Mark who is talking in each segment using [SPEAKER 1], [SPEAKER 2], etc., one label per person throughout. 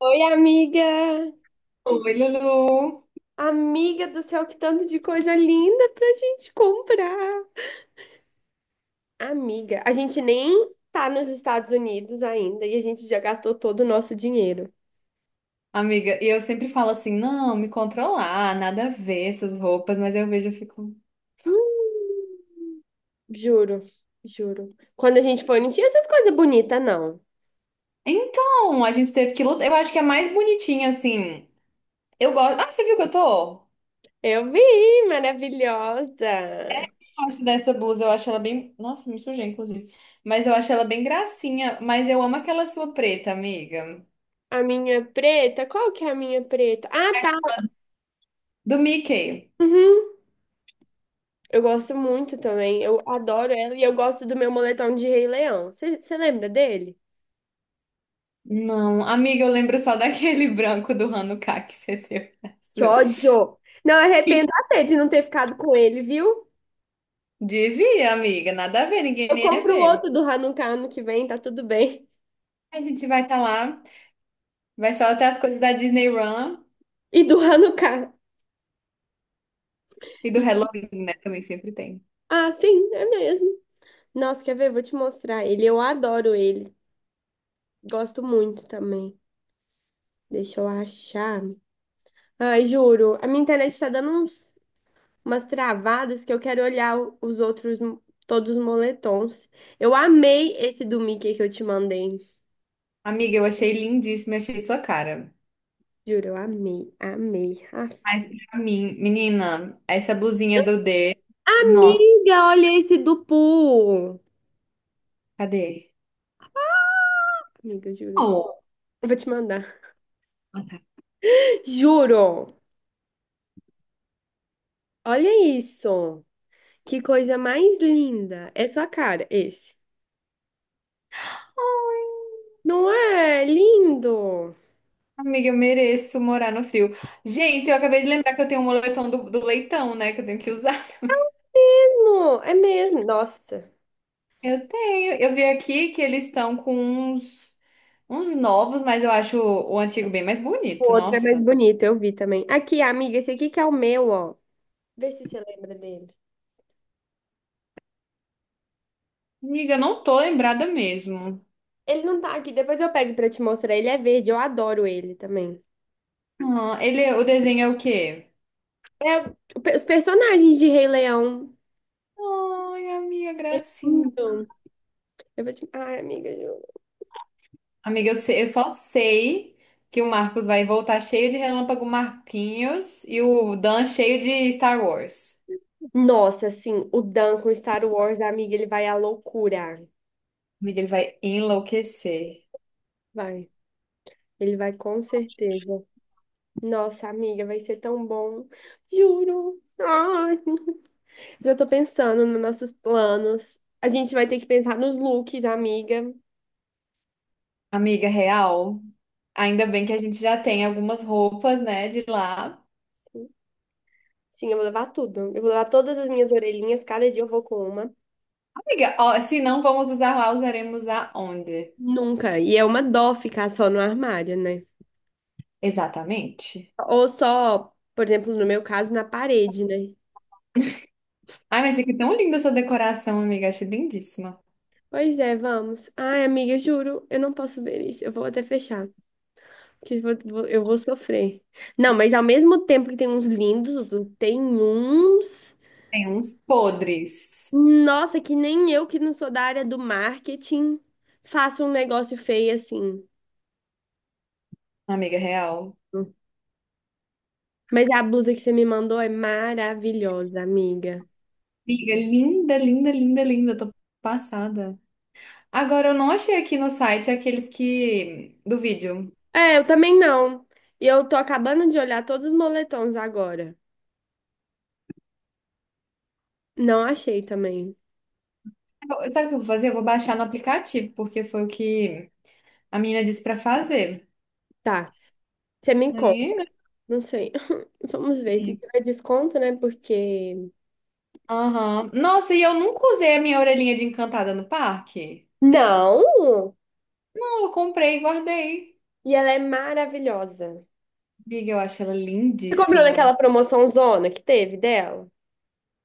[SPEAKER 1] Oi, amiga!
[SPEAKER 2] Oi, Lulu.
[SPEAKER 1] Amiga do céu, que tanto de coisa linda pra gente comprar! Amiga, a gente nem tá nos Estados Unidos ainda e a gente já gastou todo o nosso dinheiro.
[SPEAKER 2] Amiga, e eu sempre falo assim, não, me controlar, nada a ver essas roupas, mas eu vejo e fico.
[SPEAKER 1] Hum, juro, juro. Quando a gente foi, não tinha essas coisas bonitas, não.
[SPEAKER 2] Então, a gente teve que lutar. Eu acho que é mais bonitinha, assim. Eu gosto. Ah, você viu que eu tô? Eu
[SPEAKER 1] Eu vi, maravilhosa!
[SPEAKER 2] gosto dessa blusa, eu acho ela bem. Nossa, me sujei, inclusive. Mas eu acho ela bem gracinha. Mas eu amo aquela sua preta, amiga.
[SPEAKER 1] A minha preta, qual que é a minha preta? Ah, tá!
[SPEAKER 2] Do Mickey.
[SPEAKER 1] Uhum. Eu gosto muito também, eu adoro ela e eu gosto do meu moletom de Rei Leão. Você lembra dele?
[SPEAKER 2] Não, amiga, eu lembro só daquele branco do Hanukkah que você deu.
[SPEAKER 1] Que ódio! Não, arrependo até de não ter ficado com ele, viu?
[SPEAKER 2] Devia, amiga, nada a ver, ninguém
[SPEAKER 1] Eu
[SPEAKER 2] nem ia
[SPEAKER 1] compro o
[SPEAKER 2] ver.
[SPEAKER 1] outro do Hanukkah ano que vem, tá tudo bem.
[SPEAKER 2] A gente vai estar lá. Vai só até as coisas da Disney Run
[SPEAKER 1] E do Hanukkah.
[SPEAKER 2] e do Halloween, né? Também sempre tem.
[SPEAKER 1] Ah, sim, é mesmo. Nossa, quer ver? Vou te mostrar ele. Eu adoro ele. Gosto muito também. Deixa eu achar. Ai, juro, a minha internet tá dando uns, umas travadas que eu quero olhar os outros, todos os moletons. Eu amei esse do Mickey que eu te mandei.
[SPEAKER 2] Amiga, eu achei lindíssima, achei sua cara.
[SPEAKER 1] Juro, eu amei, amei. Ah,
[SPEAKER 2] Mas pra mim, menina, essa blusinha do D, nossa,
[SPEAKER 1] amiga, olha esse do Poo.
[SPEAKER 2] cadê?
[SPEAKER 1] Amiga, juro.
[SPEAKER 2] Oh,
[SPEAKER 1] Eu vou te mandar.
[SPEAKER 2] ah, tá.
[SPEAKER 1] Juro. Olha isso. Que coisa mais linda. É sua cara, esse. Não é lindo?
[SPEAKER 2] Amiga, eu mereço morar no frio. Gente, eu acabei de lembrar que eu tenho um moletom do leitão, né? Que eu tenho que usar também.
[SPEAKER 1] Não, é mesmo. Nossa.
[SPEAKER 2] Eu tenho. Eu vi aqui que eles estão com uns, uns novos, mas eu acho o antigo bem mais
[SPEAKER 1] O
[SPEAKER 2] bonito.
[SPEAKER 1] outro é mais
[SPEAKER 2] Nossa.
[SPEAKER 1] bonito, eu vi também. Aqui, amiga, esse aqui que é o meu, ó. Vê se você lembra dele.
[SPEAKER 2] Amiga, eu não tô lembrada mesmo.
[SPEAKER 1] Ele não tá aqui, depois eu pego pra te mostrar. Ele é verde, eu adoro ele também.
[SPEAKER 2] Ah, ele, o desenho é o quê?
[SPEAKER 1] É o- os personagens de Rei Leão.
[SPEAKER 2] Ai, amiga,
[SPEAKER 1] É
[SPEAKER 2] gracinha.
[SPEAKER 1] lindo. Eu vou te... Ai, amiga, juro.
[SPEAKER 2] Amiga, eu, eu só sei que o Marcos vai voltar cheio de Relâmpago Marquinhos e o Dan cheio de Star Wars.
[SPEAKER 1] Nossa, assim, o Dan com Star Wars, amiga, ele vai à loucura.
[SPEAKER 2] Amiga, ele vai enlouquecer.
[SPEAKER 1] Vai. Ele vai com certeza. Nossa, amiga, vai ser tão bom. Juro. Ai, já tô pensando nos nossos planos. A gente vai ter que pensar nos looks, amiga.
[SPEAKER 2] Amiga, real, ainda bem que a gente já tem algumas roupas, né, de lá.
[SPEAKER 1] Sim, eu vou levar tudo. Eu vou levar todas as minhas orelhinhas, cada dia eu vou com uma.
[SPEAKER 2] Amiga, ó, se não vamos usar lá, usaremos aonde?
[SPEAKER 1] Nunca. E é uma dó ficar só no armário, né?
[SPEAKER 2] Exatamente.
[SPEAKER 1] Ou só, por exemplo, no meu caso, na parede, né?
[SPEAKER 2] Ai, mas fica tão linda essa decoração, amiga. Acho lindíssima.
[SPEAKER 1] Pois é, vamos. Ai, amiga, juro, eu não posso ver isso. Eu vou até fechar, que eu eu vou sofrer. Não, mas ao mesmo tempo que tem uns lindos, outros- tem uns.
[SPEAKER 2] Tem uns podres,
[SPEAKER 1] Nossa, que nem eu que não sou da área do marketing faço um negócio feio assim.
[SPEAKER 2] amiga, real.
[SPEAKER 1] Mas a blusa que você me mandou é maravilhosa, amiga.
[SPEAKER 2] Amiga, linda, linda, linda, linda. Eu tô passada. Agora, eu não achei aqui no site aqueles que do vídeo.
[SPEAKER 1] É, eu também não. E eu tô acabando de olhar todos os moletons agora. Não achei também.
[SPEAKER 2] Sabe o que eu vou fazer? Eu vou baixar no aplicativo, porque foi o que a menina disse pra fazer.
[SPEAKER 1] Tá. Você me
[SPEAKER 2] Aí,
[SPEAKER 1] conta.
[SPEAKER 2] né?
[SPEAKER 1] Não sei. Vamos ver se tiver desconto, né? Porque.
[SPEAKER 2] Aham. Nossa, e eu nunca usei a minha orelhinha de encantada no parque.
[SPEAKER 1] Não!
[SPEAKER 2] Não, eu comprei e guardei.
[SPEAKER 1] E ela é maravilhosa.
[SPEAKER 2] Amiga, eu acho ela
[SPEAKER 1] Você comprou
[SPEAKER 2] lindíssima.
[SPEAKER 1] naquela promoção zona que teve dela?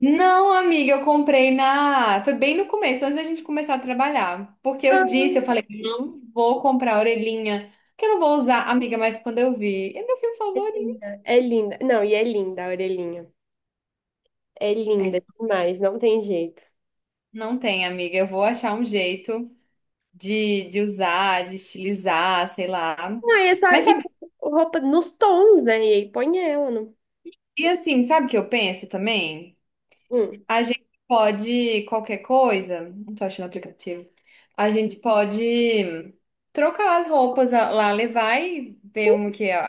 [SPEAKER 2] Não, amiga, eu comprei na. Foi bem no começo, antes da gente começar a trabalhar. Porque eu
[SPEAKER 1] Ah,
[SPEAKER 2] disse, eu falei, não vou comprar a orelhinha, que eu não vou usar, amiga, mas quando eu vi, é meu filme
[SPEAKER 1] é
[SPEAKER 2] favorito.
[SPEAKER 1] linda. É linda. Não, e é linda a orelhinha. É
[SPEAKER 2] É,
[SPEAKER 1] linda
[SPEAKER 2] ele,
[SPEAKER 1] demais, não tem jeito.
[SPEAKER 2] não tem, amiga, eu vou achar um jeito de usar, de estilizar, sei lá.
[SPEAKER 1] Não, e é só
[SPEAKER 2] Mas
[SPEAKER 1] e
[SPEAKER 2] sabe,
[SPEAKER 1] roupa nos tons, né? E aí põe ela no.
[SPEAKER 2] e assim, sabe o que eu penso também?
[SPEAKER 1] Hum.
[SPEAKER 2] A gente pode qualquer coisa, não tô achando o aplicativo. A gente pode trocar as roupas lá, levar e ver
[SPEAKER 1] Sim,
[SPEAKER 2] uma que é,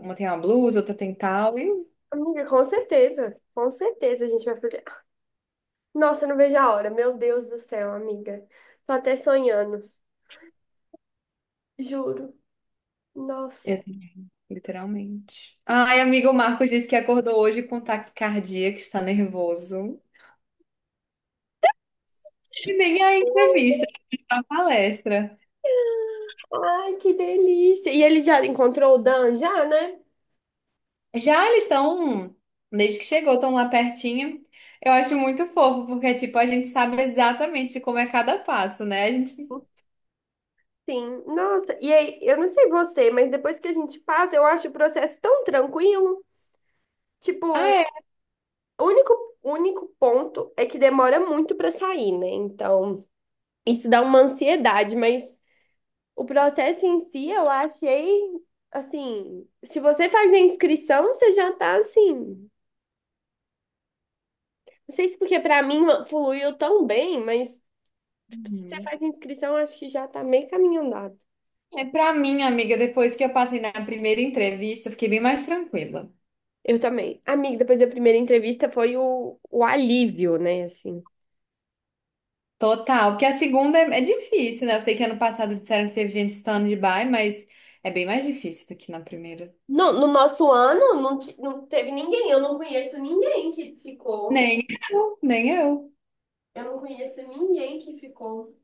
[SPEAKER 2] uma tem uma blusa, outra tem tal e
[SPEAKER 1] amiga, com certeza. Com certeza a gente vai fazer. Nossa, eu não vejo a hora. Meu Deus do céu, amiga. Tô até sonhando. Juro. Nossa.
[SPEAKER 2] usar, literalmente. Ai, amigo, o Marcos disse que acordou hoje com taquicardia, que está nervoso. E nem a entrevista, a palestra.
[SPEAKER 1] Ai, que delícia! E ele já encontrou o Dan já, né?
[SPEAKER 2] Já eles estão, desde que chegou, estão lá pertinho. Eu acho muito fofo, porque, tipo, a gente sabe exatamente como é cada passo, né? A gente.
[SPEAKER 1] Sim. Nossa, e aí, eu não sei você, mas depois que a gente passa, eu acho o processo tão tranquilo.
[SPEAKER 2] Ah,
[SPEAKER 1] Tipo,
[SPEAKER 2] é.
[SPEAKER 1] o único, o único ponto é que demora muito pra sair, né? Então, isso dá uma ansiedade, mas o processo em si eu achei assim, se você faz a inscrição, você já tá assim. Não sei se porque pra mim fluiu tão bem, mas tipo, se você
[SPEAKER 2] Uhum.
[SPEAKER 1] faz a inscrição, eu acho que já tá meio caminho andado.
[SPEAKER 2] É, para mim, amiga, depois que eu passei na primeira entrevista, eu fiquei bem mais tranquila.
[SPEAKER 1] Eu também. Amiga, depois da primeira entrevista foi o alívio, né? Assim.
[SPEAKER 2] Total, porque a segunda é difícil, né? Eu sei que ano passado disseram que teve gente stand-by, mas é bem mais difícil do que na primeira.
[SPEAKER 1] No nosso ano não, não teve ninguém, eu não conheço ninguém que ficou.
[SPEAKER 2] Nem nem eu.
[SPEAKER 1] Eu não conheço ninguém que ficou.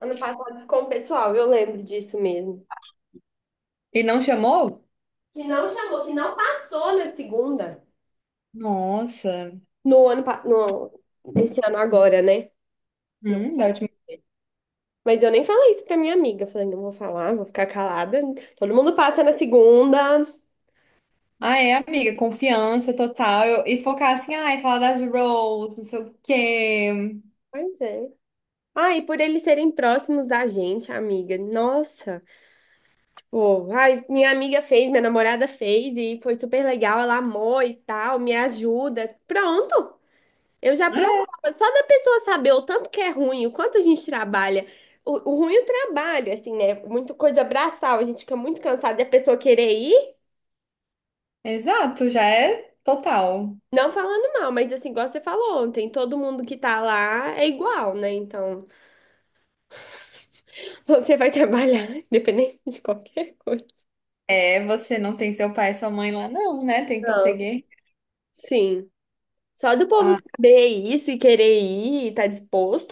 [SPEAKER 1] Ano passado ficou um pessoal, eu lembro disso mesmo.
[SPEAKER 2] E não chamou?
[SPEAKER 1] Que não chamou, que não passou na segunda.
[SPEAKER 2] Nossa.
[SPEAKER 1] No ano, pa- no, esse ano agora, né? No-
[SPEAKER 2] Da última...
[SPEAKER 1] Mas eu nem falei isso pra minha amiga. Falei, não vou falar, vou ficar calada. Todo mundo passa na segunda.
[SPEAKER 2] Ah, é, amiga, confiança total. E focar assim, ai, falar das roles, não sei o quê.
[SPEAKER 1] Pois é. Ah, e por eles serem próximos da gente, amiga. Nossa, tipo, ai, minha amiga fez, minha namorada fez e foi super legal, ela amou e tal, me ajuda. Pronto, eu já provava. Só da pessoa saber o tanto que é ruim, o quanto a gente trabalha. O ruim é o trabalho, assim, né? Muita coisa braçal, a gente fica muito cansado e a pessoa querer ir,
[SPEAKER 2] Exato, já é total.
[SPEAKER 1] não falando mal, mas assim, igual você falou ontem, todo mundo que tá lá é igual, né? Então, você vai trabalhar, independente de qualquer coisa.
[SPEAKER 2] É, você não tem seu pai e sua mãe lá, não, né? Tem que
[SPEAKER 1] Não.
[SPEAKER 2] seguir.
[SPEAKER 1] Sim. Só do povo saber isso e querer ir e tá disposto?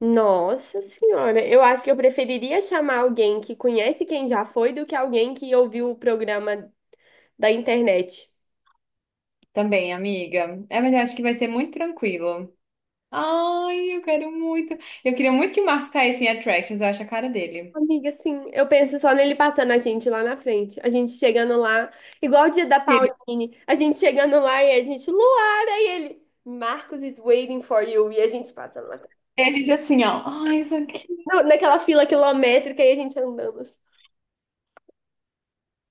[SPEAKER 1] Nossa senhora, eu acho que eu preferiria chamar alguém que conhece quem já foi do que alguém que ouviu o programa da internet.
[SPEAKER 2] Também, amiga. É, mas eu acho que vai ser muito tranquilo. Ai, eu quero muito. Eu queria muito que o Marcos caísse em Attractions, eu acho a cara dele.
[SPEAKER 1] Amiga, assim, eu penso só nele passando a gente lá na frente. A gente chegando lá, igual o dia da
[SPEAKER 2] Ele-
[SPEAKER 1] Pauline, a gente chegando lá e a gente, Luara, e ele, Marcos is waiting for you, e a gente passando lá.
[SPEAKER 2] E a gente assim, ó. Ai, isso aqui,
[SPEAKER 1] Naquela fila quilométrica e a gente andando, assim.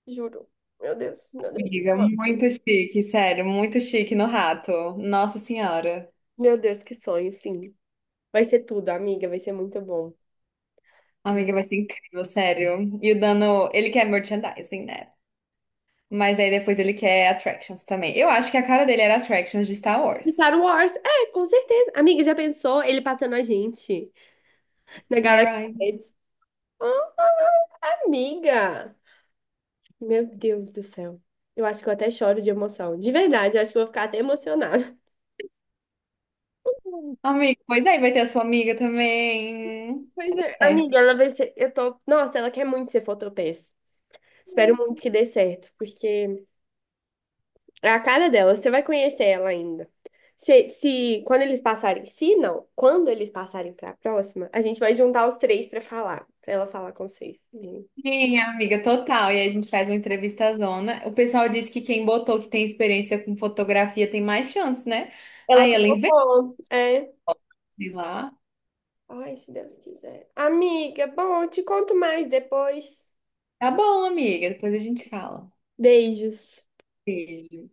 [SPEAKER 1] Juro. Meu Deus, que
[SPEAKER 2] amiga.
[SPEAKER 1] sonho.
[SPEAKER 2] Muito chique, sério. Muito chique no rato. Nossa Senhora.
[SPEAKER 1] Meu Deus, que sonho, sim. Vai ser tudo, amiga. Vai ser muito bom. Ju-
[SPEAKER 2] Amiga, vai ser incrível, sério. E o Dano, ele quer merchandising, né? Mas aí depois ele quer Attractions também. Eu acho que a cara dele era Attractions de Star Wars.
[SPEAKER 1] Star Wars, é, com certeza. Amiga, já pensou ele passando a gente na
[SPEAKER 2] Né,
[SPEAKER 1] Galaxy
[SPEAKER 2] Ryan?
[SPEAKER 1] Edge? Amiga! Meu Deus do céu. Eu acho que eu até choro de emoção. De verdade, eu acho que eu vou ficar até emocionada.
[SPEAKER 2] Amiga, pois aí vai ter a sua amiga também.
[SPEAKER 1] Pois
[SPEAKER 2] Vai dar
[SPEAKER 1] é,
[SPEAKER 2] certo.
[SPEAKER 1] amiga, ela vai ser. Eu tô. Nossa, ela quer muito ser fotopeça. Espero muito que dê certo, porque é a cara dela, você vai conhecer ela ainda. Se quando eles passarem, se não, quando eles passarem para a próxima, a gente vai juntar os três para falar, para ela falar com vocês.
[SPEAKER 2] Sim, amiga, total. E aí a gente faz uma entrevista zona. O pessoal disse que quem botou que tem experiência com fotografia tem mais chance, né?
[SPEAKER 1] Ela
[SPEAKER 2] Aí ela investe
[SPEAKER 1] colocou, é.
[SPEAKER 2] lá.
[SPEAKER 1] Ai, se Deus quiser. Amiga, bom, eu te conto mais depois.
[SPEAKER 2] Tá bom, amiga, depois a gente fala.
[SPEAKER 1] Beijos.
[SPEAKER 2] Beijo.